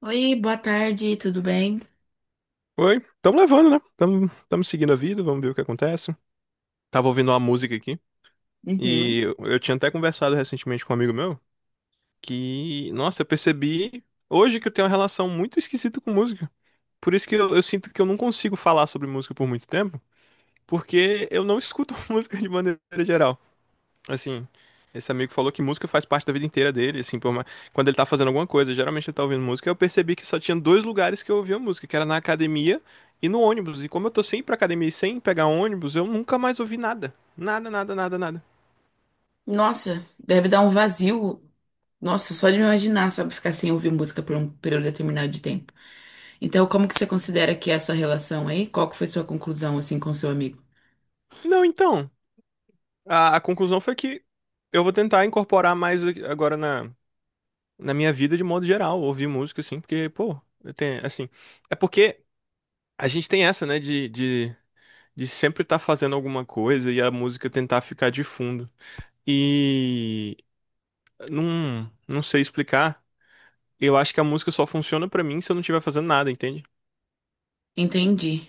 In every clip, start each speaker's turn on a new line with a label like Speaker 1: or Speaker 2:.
Speaker 1: Oi, boa tarde, tudo bem?
Speaker 2: Oi, estamos levando, né? Estamos seguindo a vida, vamos ver o que acontece. Tava ouvindo uma música aqui e
Speaker 1: Uhum.
Speaker 2: eu tinha até conversado recentemente com um amigo meu que, nossa, eu percebi hoje que eu tenho uma relação muito esquisita com música. Por isso que eu sinto que eu não consigo falar sobre música por muito tempo, porque eu não escuto música de maneira geral. Assim, esse amigo falou que música faz parte da vida inteira dele, assim, quando ele tá fazendo alguma coisa, geralmente ele tá ouvindo música. Eu percebi que só tinha dois lugares que eu ouvia música, que era na academia e no ônibus. E como eu tô sempre pra academia e sem pegar ônibus, eu nunca mais ouvi nada. Nada, nada, nada, nada.
Speaker 1: Nossa, deve dar um vazio. Nossa, só de me imaginar, sabe, ficar sem ouvir música por um período determinado de tempo. Então, como que você considera que é a sua relação aí? Qual que foi sua conclusão, assim, com seu amigo?
Speaker 2: Não, então, a conclusão foi que eu vou tentar incorporar agora na minha vida de modo geral, ouvir música, assim, porque, pô, eu tenho, assim, é porque a gente tem essa, né, de sempre estar tá fazendo alguma coisa e a música tentar ficar de fundo. E não sei explicar. Eu acho que a música só funciona pra mim se eu não estiver fazendo nada, entende?
Speaker 1: Entendi.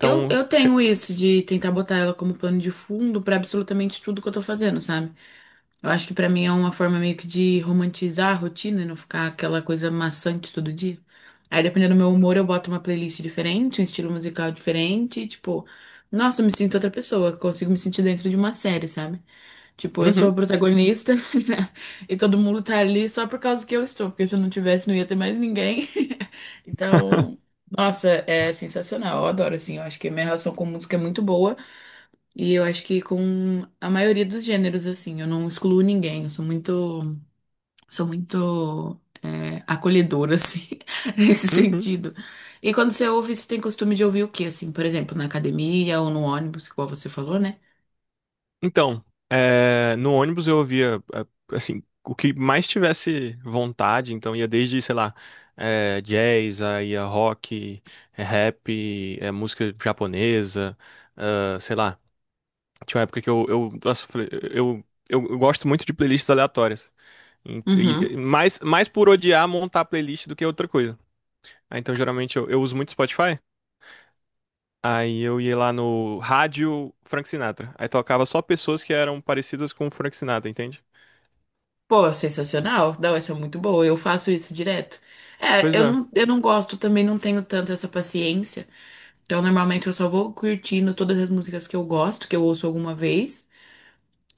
Speaker 1: Eu, eu
Speaker 2: se-
Speaker 1: tenho isso de tentar botar ela como plano de fundo pra absolutamente tudo que eu tô fazendo, sabe? Eu acho que pra mim é uma forma meio que de romantizar a rotina e não ficar aquela coisa maçante todo dia. Aí, dependendo do meu humor, eu boto uma playlist diferente, um estilo musical diferente, e, tipo, nossa, eu me sinto outra pessoa, consigo me sentir dentro de uma série, sabe? Tipo, eu sou a
Speaker 2: uhum,
Speaker 1: protagonista e todo mundo tá ali só por causa que eu estou, porque se eu não tivesse, não ia ter mais ninguém. Então, nossa, é sensacional, eu adoro, assim, eu acho que a minha relação com música é muito boa. E eu acho que com a maioria dos gêneros, assim, eu não excluo ninguém, eu sou muito é, acolhedora, assim, nesse
Speaker 2: uhum.
Speaker 1: sentido. E quando você ouve, você tem costume de ouvir o quê, assim, por exemplo, na academia ou no ônibus, igual você falou, né?
Speaker 2: Então, é, no ônibus eu ouvia é, assim o que mais tivesse vontade. Então ia desde, sei lá, é, jazz, aí ia rock, é, rap, é, música japonesa, ah, sei lá. Tinha uma época que eu, nossa, eu falei, eu gosto muito de playlists aleatórias.
Speaker 1: Uhum.
Speaker 2: Mais por odiar montar playlist do que outra coisa. Ah, então, geralmente, eu uso muito Spotify. Aí eu ia lá no rádio Frank Sinatra. Aí tocava só pessoas que eram parecidas com o Frank Sinatra, entende?
Speaker 1: Pô, sensacional. Não, essa é muito boa. Eu faço isso direto. É,
Speaker 2: Pois
Speaker 1: eu
Speaker 2: é.
Speaker 1: não, eu não gosto, também não tenho tanto essa paciência. Então, normalmente, eu só vou curtindo todas as músicas que eu gosto, que eu ouço alguma vez.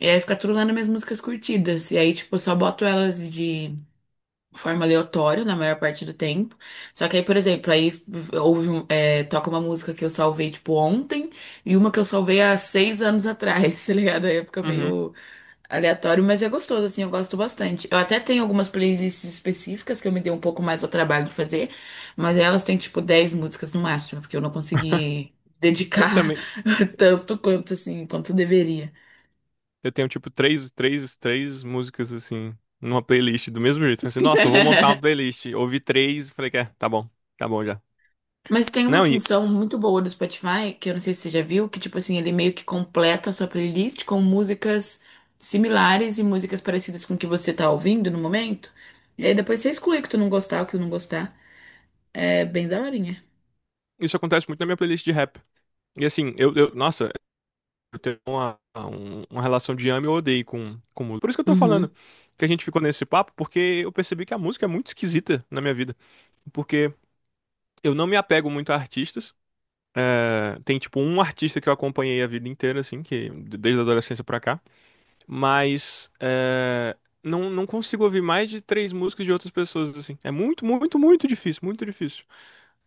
Speaker 1: E aí fica tudo lá nas minhas músicas curtidas. E aí, tipo, eu só boto elas de forma aleatória na maior parte do tempo. Só que aí, por exemplo, é, toca uma música que eu salvei, tipo, ontem e uma que eu salvei há 6 anos atrás, tá ligado? Aí fica
Speaker 2: Uhum.
Speaker 1: meio aleatório, mas é gostoso, assim, eu gosto bastante. Eu até tenho algumas playlists específicas que eu me dei um pouco mais ao trabalho de fazer, mas elas têm, tipo, 10 músicas no máximo, porque eu não consegui
Speaker 2: Eu
Speaker 1: dedicar
Speaker 2: também.
Speaker 1: tanto quanto, assim, quanto deveria.
Speaker 2: Eu tenho, tipo, três músicas, assim, numa playlist do mesmo jeito. Falei assim, nossa, eu vou montar uma playlist. Ouvi três, falei que é, tá bom já.
Speaker 1: Mas tem uma
Speaker 2: Não, e
Speaker 1: função muito boa do Spotify, que eu não sei se você já viu, que tipo assim, ele meio que completa a sua playlist com músicas similares e músicas parecidas com o que você tá ouvindo no momento. E aí depois você exclui o que tu não gostar, o que tu não gostar. É bem daorinha.
Speaker 2: isso acontece muito na minha playlist de rap. E assim, nossa, eu tenho uma relação de ame ou odeio com música. Por isso que eu tô falando
Speaker 1: Uhum.
Speaker 2: que a gente ficou nesse papo, porque eu percebi que a música é muito esquisita na minha vida. Porque eu não me apego muito a artistas. É, tem, tipo, um artista que eu acompanhei a vida inteira, assim, que desde a adolescência pra cá. Mas é, não consigo ouvir mais de três músicas de outras pessoas, assim. É muito, muito, muito difícil, muito difícil.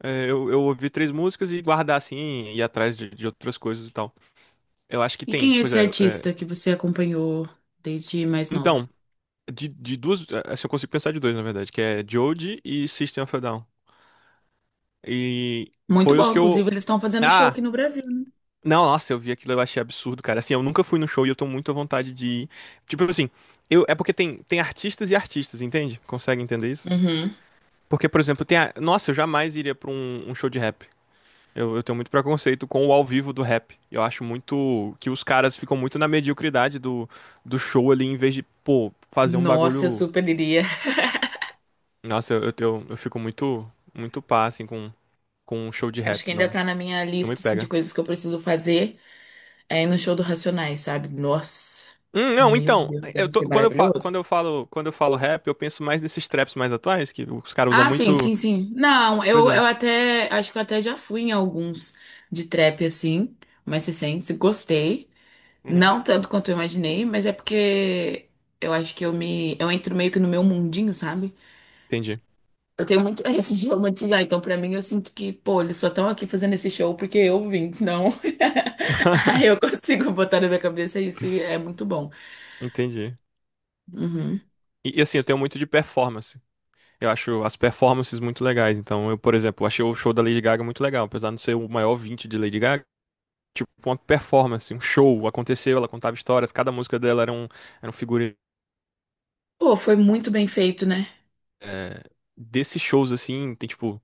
Speaker 2: É, eu ouvir três músicas e guardar, assim, e ir atrás de outras coisas e tal. Eu acho que
Speaker 1: E
Speaker 2: tem,
Speaker 1: quem é
Speaker 2: pois
Speaker 1: esse
Speaker 2: é,
Speaker 1: artista que você acompanhou desde mais novo?
Speaker 2: então, De duas, é, assim, eu consigo pensar de dois, na verdade, que é Joji e System of a Down. E
Speaker 1: Muito
Speaker 2: foi os
Speaker 1: bom,
Speaker 2: que
Speaker 1: inclusive
Speaker 2: eu.
Speaker 1: eles estão fazendo show aqui
Speaker 2: Ah!
Speaker 1: no Brasil, né?
Speaker 2: Não, nossa, eu vi aquilo, eu achei absurdo, cara. Assim, eu nunca fui no show e eu tô muito à vontade de ir. Tipo assim, eu, é porque tem, tem artistas e artistas, entende? Consegue entender isso?
Speaker 1: Uhum.
Speaker 2: Porque, por exemplo, tem a... Nossa, eu jamais iria pra um show de rap. Eu tenho muito preconceito com o ao vivo do rap. Eu acho muito que os caras ficam muito na mediocridade do show ali, em vez de, pô, fazer um
Speaker 1: Nossa, eu
Speaker 2: bagulho.
Speaker 1: super iria.
Speaker 2: Nossa, eu fico muito, muito pá, assim, com um show de
Speaker 1: Acho que
Speaker 2: rap,
Speaker 1: ainda
Speaker 2: não,
Speaker 1: tá na minha
Speaker 2: não me
Speaker 1: lista assim, de
Speaker 2: pega.
Speaker 1: coisas que eu preciso fazer. É ir no show do Racionais, sabe? Nossa,
Speaker 2: Não,
Speaker 1: meu
Speaker 2: então,
Speaker 1: Deus,
Speaker 2: eu
Speaker 1: deve
Speaker 2: tô,
Speaker 1: ser
Speaker 2: quando
Speaker 1: maravilhoso.
Speaker 2: eu falo, quando eu falo rap, eu penso mais nesses traps mais atuais, que os caras usam
Speaker 1: Ah, sim,
Speaker 2: muito.
Speaker 1: sim, sim. Não,
Speaker 2: Pois
Speaker 1: eu,
Speaker 2: é.
Speaker 1: eu até, acho que eu até já fui em alguns de trap assim, mais recentes, gostei.
Speaker 2: Uhum.
Speaker 1: Não tanto quanto eu imaginei, mas é porque eu acho que eu entro meio que no meu mundinho, sabe?
Speaker 2: Entendi.
Speaker 1: Eu tenho muito esse de romantizar, então pra mim eu sinto que, pô, eles só estão aqui fazendo esse show porque eu vim, senão aí eu consigo botar na minha cabeça isso e é muito bom.
Speaker 2: Entendi.
Speaker 1: Uhum.
Speaker 2: E, assim, eu tenho muito de performance. Eu acho as performances muito legais. Então, eu, por exemplo, achei o show da Lady Gaga muito legal, apesar de não ser o maior ouvinte de Lady Gaga. Tipo, uma performance, um show, aconteceu, ela contava histórias, cada música dela era um figurino,
Speaker 1: Pô, foi muito bem feito, né?
Speaker 2: é, desses shows, assim, tem tipo,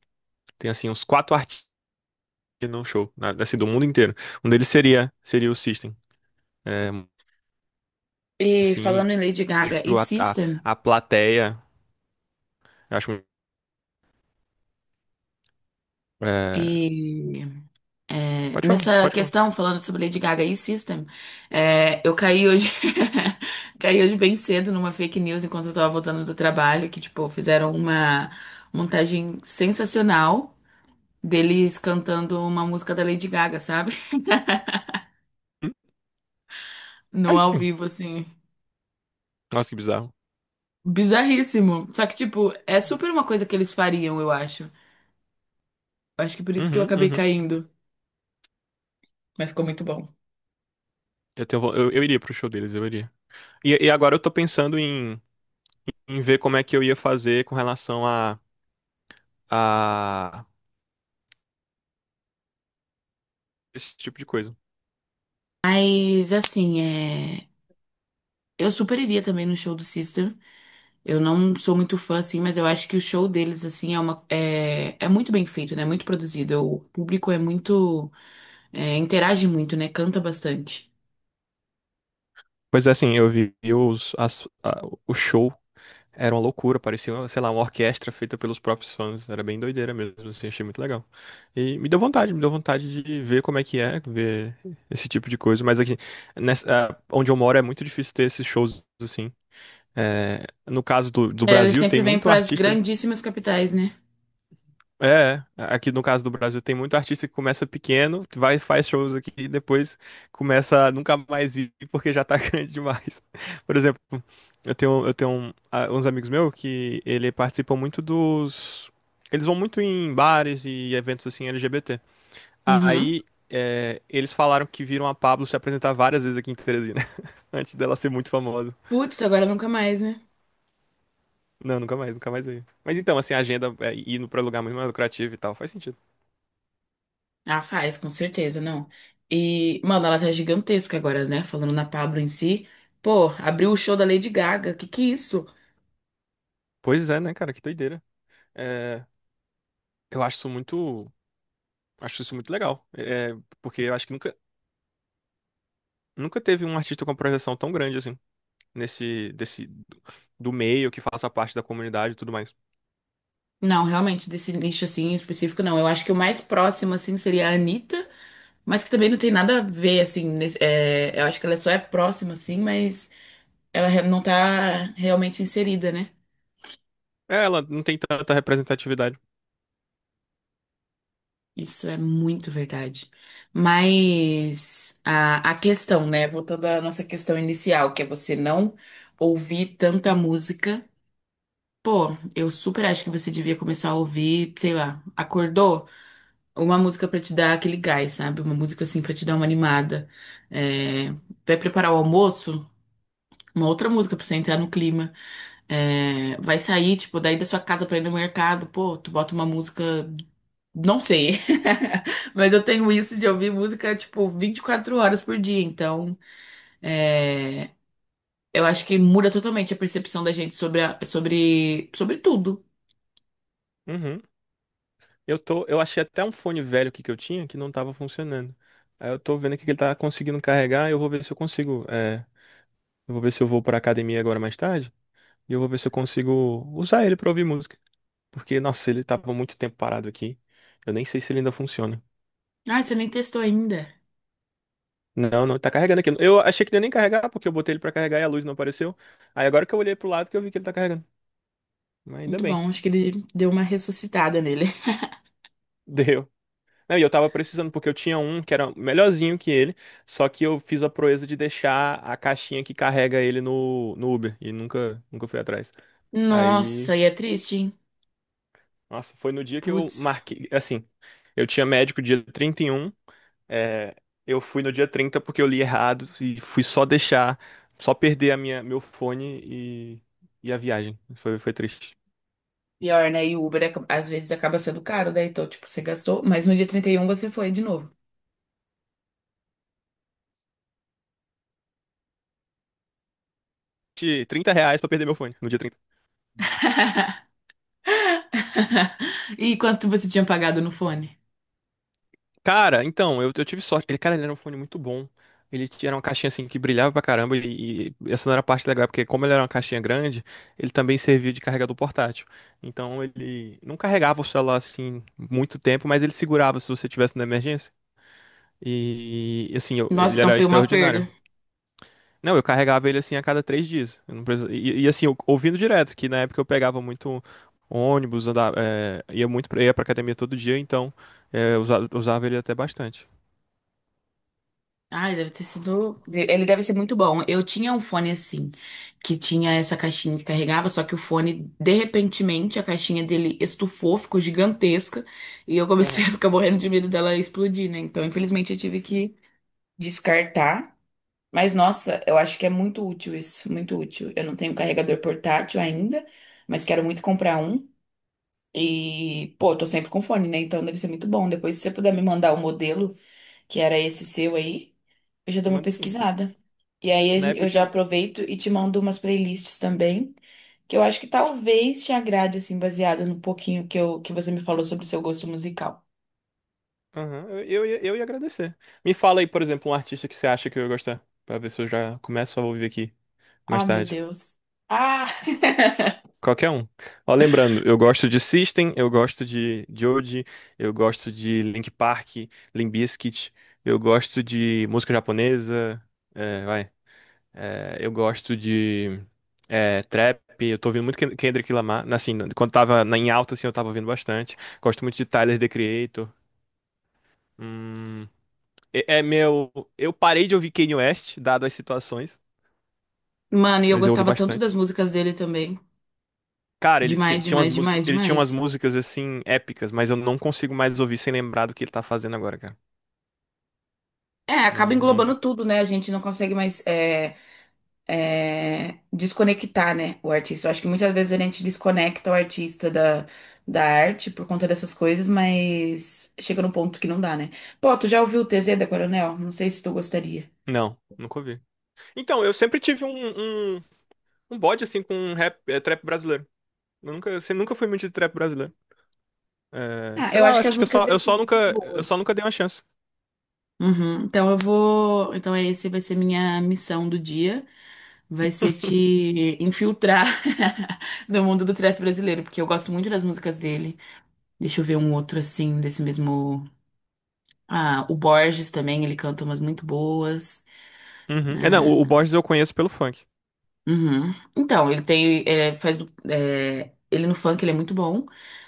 Speaker 2: tem assim uns quatro artistas num show, na, assim, do mundo inteiro. Um deles seria, seria o System. É,
Speaker 1: E
Speaker 2: assim,
Speaker 1: falando em Lady
Speaker 2: eu
Speaker 1: Gaga e
Speaker 2: vejo a, a,
Speaker 1: System,
Speaker 2: a plateia, eu acho, é,
Speaker 1: e É,
Speaker 2: pode falar,
Speaker 1: nessa
Speaker 2: pode falar.
Speaker 1: questão, falando sobre Lady Gaga e System, é, eu caí hoje, caí hoje bem cedo numa fake news enquanto eu tava voltando do trabalho, que, tipo, fizeram uma montagem sensacional deles cantando uma música da Lady Gaga, sabe?
Speaker 2: Hum?
Speaker 1: No
Speaker 2: Ai,
Speaker 1: ao vivo, assim.
Speaker 2: nossa, que bizarro.
Speaker 1: Bizarríssimo. Só que, tipo, é super uma coisa que eles fariam, eu acho. Eu acho que por isso que eu
Speaker 2: Uhum,
Speaker 1: acabei
Speaker 2: uhum.
Speaker 1: caindo. Mas ficou muito bom.
Speaker 2: Eu tenho, vo- eu iria pro show deles, eu iria. E agora eu tô pensando em ver como é que eu ia fazer com relação a esse tipo de coisa.
Speaker 1: Mas assim, é, eu super iria também no show do Sister. Eu não sou muito fã, assim, mas eu acho que o show deles, assim, é uma, é, é muito bem feito, né? Muito produzido. O público é muito. É, interage muito, né? Canta bastante.
Speaker 2: Pois é, assim, eu vi o show. Era uma loucura, parecia, sei lá, uma orquestra feita pelos próprios fãs. Era bem doideira mesmo, assim, achei muito legal. E me deu vontade de ver como é que é, ver esse tipo de coisa. Mas aqui, nessa, ah, onde eu moro é muito difícil ter esses shows assim. É, no caso do
Speaker 1: É, eles
Speaker 2: Brasil, tem
Speaker 1: sempre vêm
Speaker 2: muito
Speaker 1: para as
Speaker 2: artista
Speaker 1: grandíssimas capitais, né?
Speaker 2: é, é, aqui no caso do Brasil tem muito artista que começa pequeno, vai faz shows aqui e depois começa a nunca mais vir porque já tá grande demais. Por exemplo, eu tenho uns amigos meus que ele participam muito dos, eles vão muito em bares e eventos assim LGBT.
Speaker 1: Uhum.
Speaker 2: Aí é, eles falaram que viram a Pabllo se apresentar várias vezes aqui em Teresina antes dela ser muito famosa.
Speaker 1: Putz, agora nunca mais, né?
Speaker 2: Não, nunca mais, nunca mais veio. Mas então, assim, a agenda é indo pra lugar muito mais lucrativo e tal, faz sentido.
Speaker 1: Ah, faz, com certeza, não. E, mano, ela tá gigantesca agora, né? Falando na Pablo em si. Pô, abriu o show da Lady Gaga. Que é isso?
Speaker 2: Pois é, né, cara, que doideira. É, eu acho isso muito legal, é, porque eu acho que nunca, nunca teve um artista com uma projeção tão grande assim, nesse, desse, do meio, que faça parte da comunidade e tudo mais.
Speaker 1: Não, realmente, desse nicho assim em específico, não. Eu acho que o mais próximo, assim, seria a Anitta, mas que também não tem nada a ver, assim. É, eu acho que ela só é próxima, assim, mas não tá realmente inserida, né?
Speaker 2: É, ela não tem tanta representatividade.
Speaker 1: Isso é muito verdade. Mas a questão, né? Voltando à nossa questão inicial, que é você não ouvir tanta música. Pô, eu super acho que você devia começar a ouvir, sei lá, acordou? Uma música pra te dar aquele gás, sabe? Uma música assim pra te dar uma animada. É, vai preparar o almoço, uma outra música pra você entrar no clima. É, vai sair, tipo, daí da sua casa pra ir no mercado, pô, tu bota uma música. Não sei. Mas eu tenho isso de ouvir música, tipo, 24 horas por dia. Então, eu acho que muda totalmente a percepção da gente sobre, sobre tudo.
Speaker 2: Uhum. Eu tô, eu achei até um fone velho aqui que eu tinha que não tava funcionando. Aí eu tô vendo aqui que ele tá conseguindo carregar, eu vou ver se eu consigo, eu vou ver se eu vou pra academia agora mais tarde, e eu vou ver se eu consigo usar ele pra ouvir música. Porque, nossa, ele tava muito tempo parado aqui, eu nem sei se ele ainda funciona.
Speaker 1: Ah, você nem testou ainda.
Speaker 2: Não, não, tá carregando aqui. Eu achei que não ia nem carregar, porque eu botei ele pra carregar e a luz não apareceu. Aí agora que eu olhei pro lado que eu vi que ele tá carregando. Mas ainda
Speaker 1: Muito
Speaker 2: bem,
Speaker 1: bom, acho que ele deu uma ressuscitada nele.
Speaker 2: deu. Não, e eu tava precisando, porque eu tinha um que era melhorzinho que ele, só que eu fiz a proeza de deixar a caixinha que carrega ele no Uber, e nunca, nunca fui atrás. Aí,
Speaker 1: Nossa, e é triste, hein?
Speaker 2: nossa, foi no dia que eu
Speaker 1: Putz.
Speaker 2: marquei, assim, eu tinha médico dia 31. É, eu fui no dia 30 porque eu li errado e fui só deixar, só perder meu fone e a viagem. Foi triste.
Speaker 1: Pior, né? E às vezes acaba sendo caro, né? Então, tipo, você gastou, mas no dia 31 você foi de novo.
Speaker 2: R$ 30 pra perder meu fone no dia 30.
Speaker 1: E quanto você tinha pagado no fone?
Speaker 2: Cara, então, eu tive sorte. Ele, cara, ele era um fone muito bom. Ele tinha era uma caixinha assim que brilhava pra caramba e, essa não era a parte legal, porque como ele era uma caixinha grande, ele também servia de carregador portátil. Então ele não carregava o celular assim muito tempo, mas ele segurava se você tivesse na emergência. E assim, eu-
Speaker 1: Nossa,
Speaker 2: ele
Speaker 1: então
Speaker 2: era
Speaker 1: foi uma
Speaker 2: extraordinário.
Speaker 1: perda.
Speaker 2: Não, eu carregava ele assim a cada 3 dias. Eu não precisa- E, e, assim, eu- ouvindo direto, que na época eu pegava muito ônibus, andava, é, ia muito ia pra academia todo dia, então é, eu usava ele até bastante.
Speaker 1: Ai, deve ter sido. Ele deve ser muito bom. Eu tinha um fone assim, que tinha essa caixinha que carregava, só que o fone, de repentemente, a caixinha dele estufou, ficou gigantesca, e eu comecei
Speaker 2: Aham.
Speaker 1: a ficar morrendo de medo dela explodir, né? Então, infelizmente, eu tive que descartar. Mas nossa, eu acho que é muito útil isso, muito útil. Eu não tenho carregador portátil ainda, mas quero muito comprar um. E, pô, eu tô sempre com fone, né? Então deve ser muito bom. Depois, se você puder me mandar o modelo, que era esse seu aí, eu já dou uma
Speaker 2: Manda sim.
Speaker 1: pesquisada. E aí
Speaker 2: Na época
Speaker 1: eu
Speaker 2: eu
Speaker 1: já
Speaker 2: tinha.
Speaker 1: aproveito e te mando umas playlists também, que eu acho que talvez te agrade, assim, baseada no pouquinho que, que você me falou sobre o seu gosto musical.
Speaker 2: Aham, Eu ia agradecer. Me fala aí, por exemplo, um artista que você acha que eu ia gostar, pra ver se eu já começo a ouvir aqui. Mais
Speaker 1: Ah, meu
Speaker 2: tarde.
Speaker 1: Deus. Ah!
Speaker 2: Qualquer um. Ó, lembrando, eu gosto de System, eu gosto de Joji, eu gosto de Link Park, Limp Bizkit, eu gosto de música japonesa, é, vai. É, eu gosto de é, trap, eu tô ouvindo muito Ken- Kendrick Lamar, assim, quando tava na- em alta, assim, eu tava ouvindo bastante. Gosto muito de Tyler, The Creator. Hum, é, é meu... Eu parei de ouvir Kanye West, dado as situações,
Speaker 1: Mano, e eu
Speaker 2: mas eu ouvi
Speaker 1: gostava tanto das
Speaker 2: bastante.
Speaker 1: músicas dele também.
Speaker 2: Cara,
Speaker 1: Demais,
Speaker 2: tinha umas
Speaker 1: demais,
Speaker 2: músicas,
Speaker 1: demais,
Speaker 2: ele tinha umas
Speaker 1: demais.
Speaker 2: músicas assim épicas, mas eu não consigo mais ouvir sem lembrar do que ele tá fazendo agora, cara.
Speaker 1: É, acaba
Speaker 2: Não, não dá.
Speaker 1: englobando tudo, né? A gente não consegue mais desconectar, né, o artista. Eu acho que muitas vezes a gente desconecta o artista da arte por conta dessas coisas, mas chega num ponto que não dá, né? Pô, tu já ouviu o TZ da Coronel? Não sei se tu gostaria.
Speaker 2: Não, nunca ouvi. Então, eu sempre tive um bode assim com um rap, eh, trap brasileiro. Eu nunca fui muito de trap brasileiro. Eh,
Speaker 1: Ah,
Speaker 2: sei
Speaker 1: eu
Speaker 2: lá,
Speaker 1: acho que
Speaker 2: acho
Speaker 1: as
Speaker 2: que eu
Speaker 1: músicas
Speaker 2: só,
Speaker 1: dele
Speaker 2: eu
Speaker 1: são
Speaker 2: só
Speaker 1: muito
Speaker 2: nunca, eu só
Speaker 1: boas.
Speaker 2: nunca dei uma chance.
Speaker 1: Uhum. Então eu vou. Então esse vai ser minha missão do dia. Vai ser te infiltrar no mundo do trap brasileiro, porque eu gosto muito das músicas dele. Deixa eu ver um outro assim, desse mesmo. Ah, o Borges também, ele canta umas muito boas.
Speaker 2: Uhum. É, não, o Borges eu conheço pelo funk.
Speaker 1: Uhum. Então, ele tem. É, ele no funk ele é muito bom,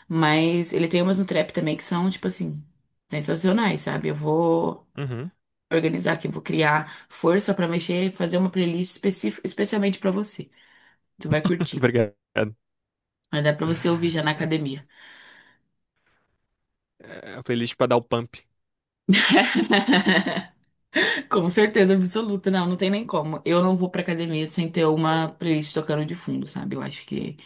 Speaker 1: mas ele tem umas no trap também que são, tipo assim, sensacionais, sabe? Eu vou
Speaker 2: Uhum.
Speaker 1: organizar aqui, eu vou criar força pra mexer e fazer uma playlist específica, especialmente pra você. Você vai curtir.
Speaker 2: Obrigado.
Speaker 1: Vai dar pra você ouvir já na
Speaker 2: É,
Speaker 1: academia.
Speaker 2: é a playlist pra dar o pump.
Speaker 1: Com certeza absoluta, não, não tem nem como. Eu não vou pra academia sem ter uma playlist tocando de fundo, sabe? Eu acho que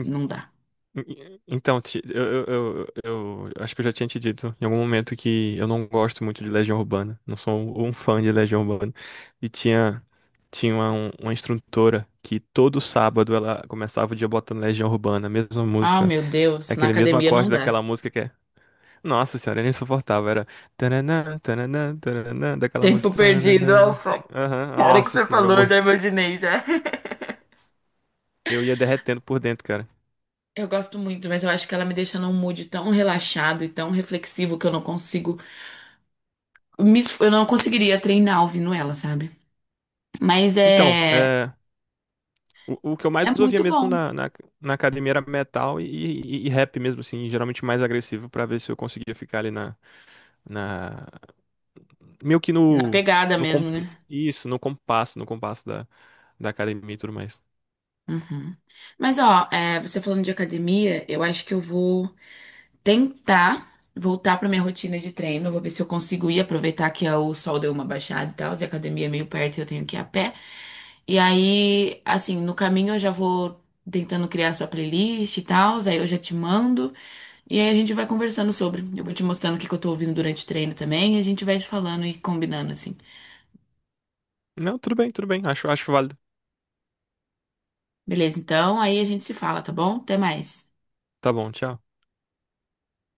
Speaker 1: não dá.
Speaker 2: Então, acho que eu já tinha te dito em algum momento que eu não gosto muito de Legião Urbana. Não sou um fã de Legião Urbana. E tinha uma instrutora que todo sábado ela começava o dia botando Legião Urbana, a mesma
Speaker 1: Ah,
Speaker 2: música,
Speaker 1: meu Deus, na
Speaker 2: aquele mesmo
Speaker 1: academia não
Speaker 2: acorde daquela
Speaker 1: dá.
Speaker 2: música que é. Nossa senhora, era insuportável. Era. Tananã, tananã, tananã, daquela
Speaker 1: Tempo
Speaker 2: música.
Speaker 1: perdido,
Speaker 2: Tananana.
Speaker 1: Alfa.
Speaker 2: Aham,
Speaker 1: Cara que
Speaker 2: nossa
Speaker 1: você
Speaker 2: senhora,
Speaker 1: falou, já imaginei, já.
Speaker 2: eu ia derretendo por dentro, cara.
Speaker 1: Eu gosto muito, mas eu acho que ela me deixa num mood tão relaxado e tão reflexivo que eu não consigo, eu não conseguiria treinar ouvindo ela, sabe? Mas
Speaker 2: Então,
Speaker 1: é,
Speaker 2: O que eu
Speaker 1: é
Speaker 2: mais ouvia
Speaker 1: muito
Speaker 2: mesmo
Speaker 1: bom,
Speaker 2: na, na academia era metal e, e rap mesmo, assim, geralmente mais agressivo pra ver se eu conseguia ficar ali na meio que
Speaker 1: na pegada mesmo, né?
Speaker 2: isso, no compasso, da, da academia e tudo mais.
Speaker 1: Uhum. Mas ó, é, você falando de academia, eu acho que eu vou tentar voltar pra minha rotina de treino. Eu vou ver se eu consigo ir, aproveitar que é o sol deu uma baixada e tal, e a academia é meio perto e eu tenho que ir a pé. E aí, assim, no caminho eu já vou tentando criar sua playlist e tal, aí eu já te mando. E aí a gente vai conversando sobre. Eu vou te mostrando o que que eu tô ouvindo durante o treino também, e a gente vai falando e combinando assim.
Speaker 2: Não, tudo bem, acho, acho válido.
Speaker 1: Beleza, então aí a gente se fala, tá bom? Até mais.
Speaker 2: Tá bom, tchau.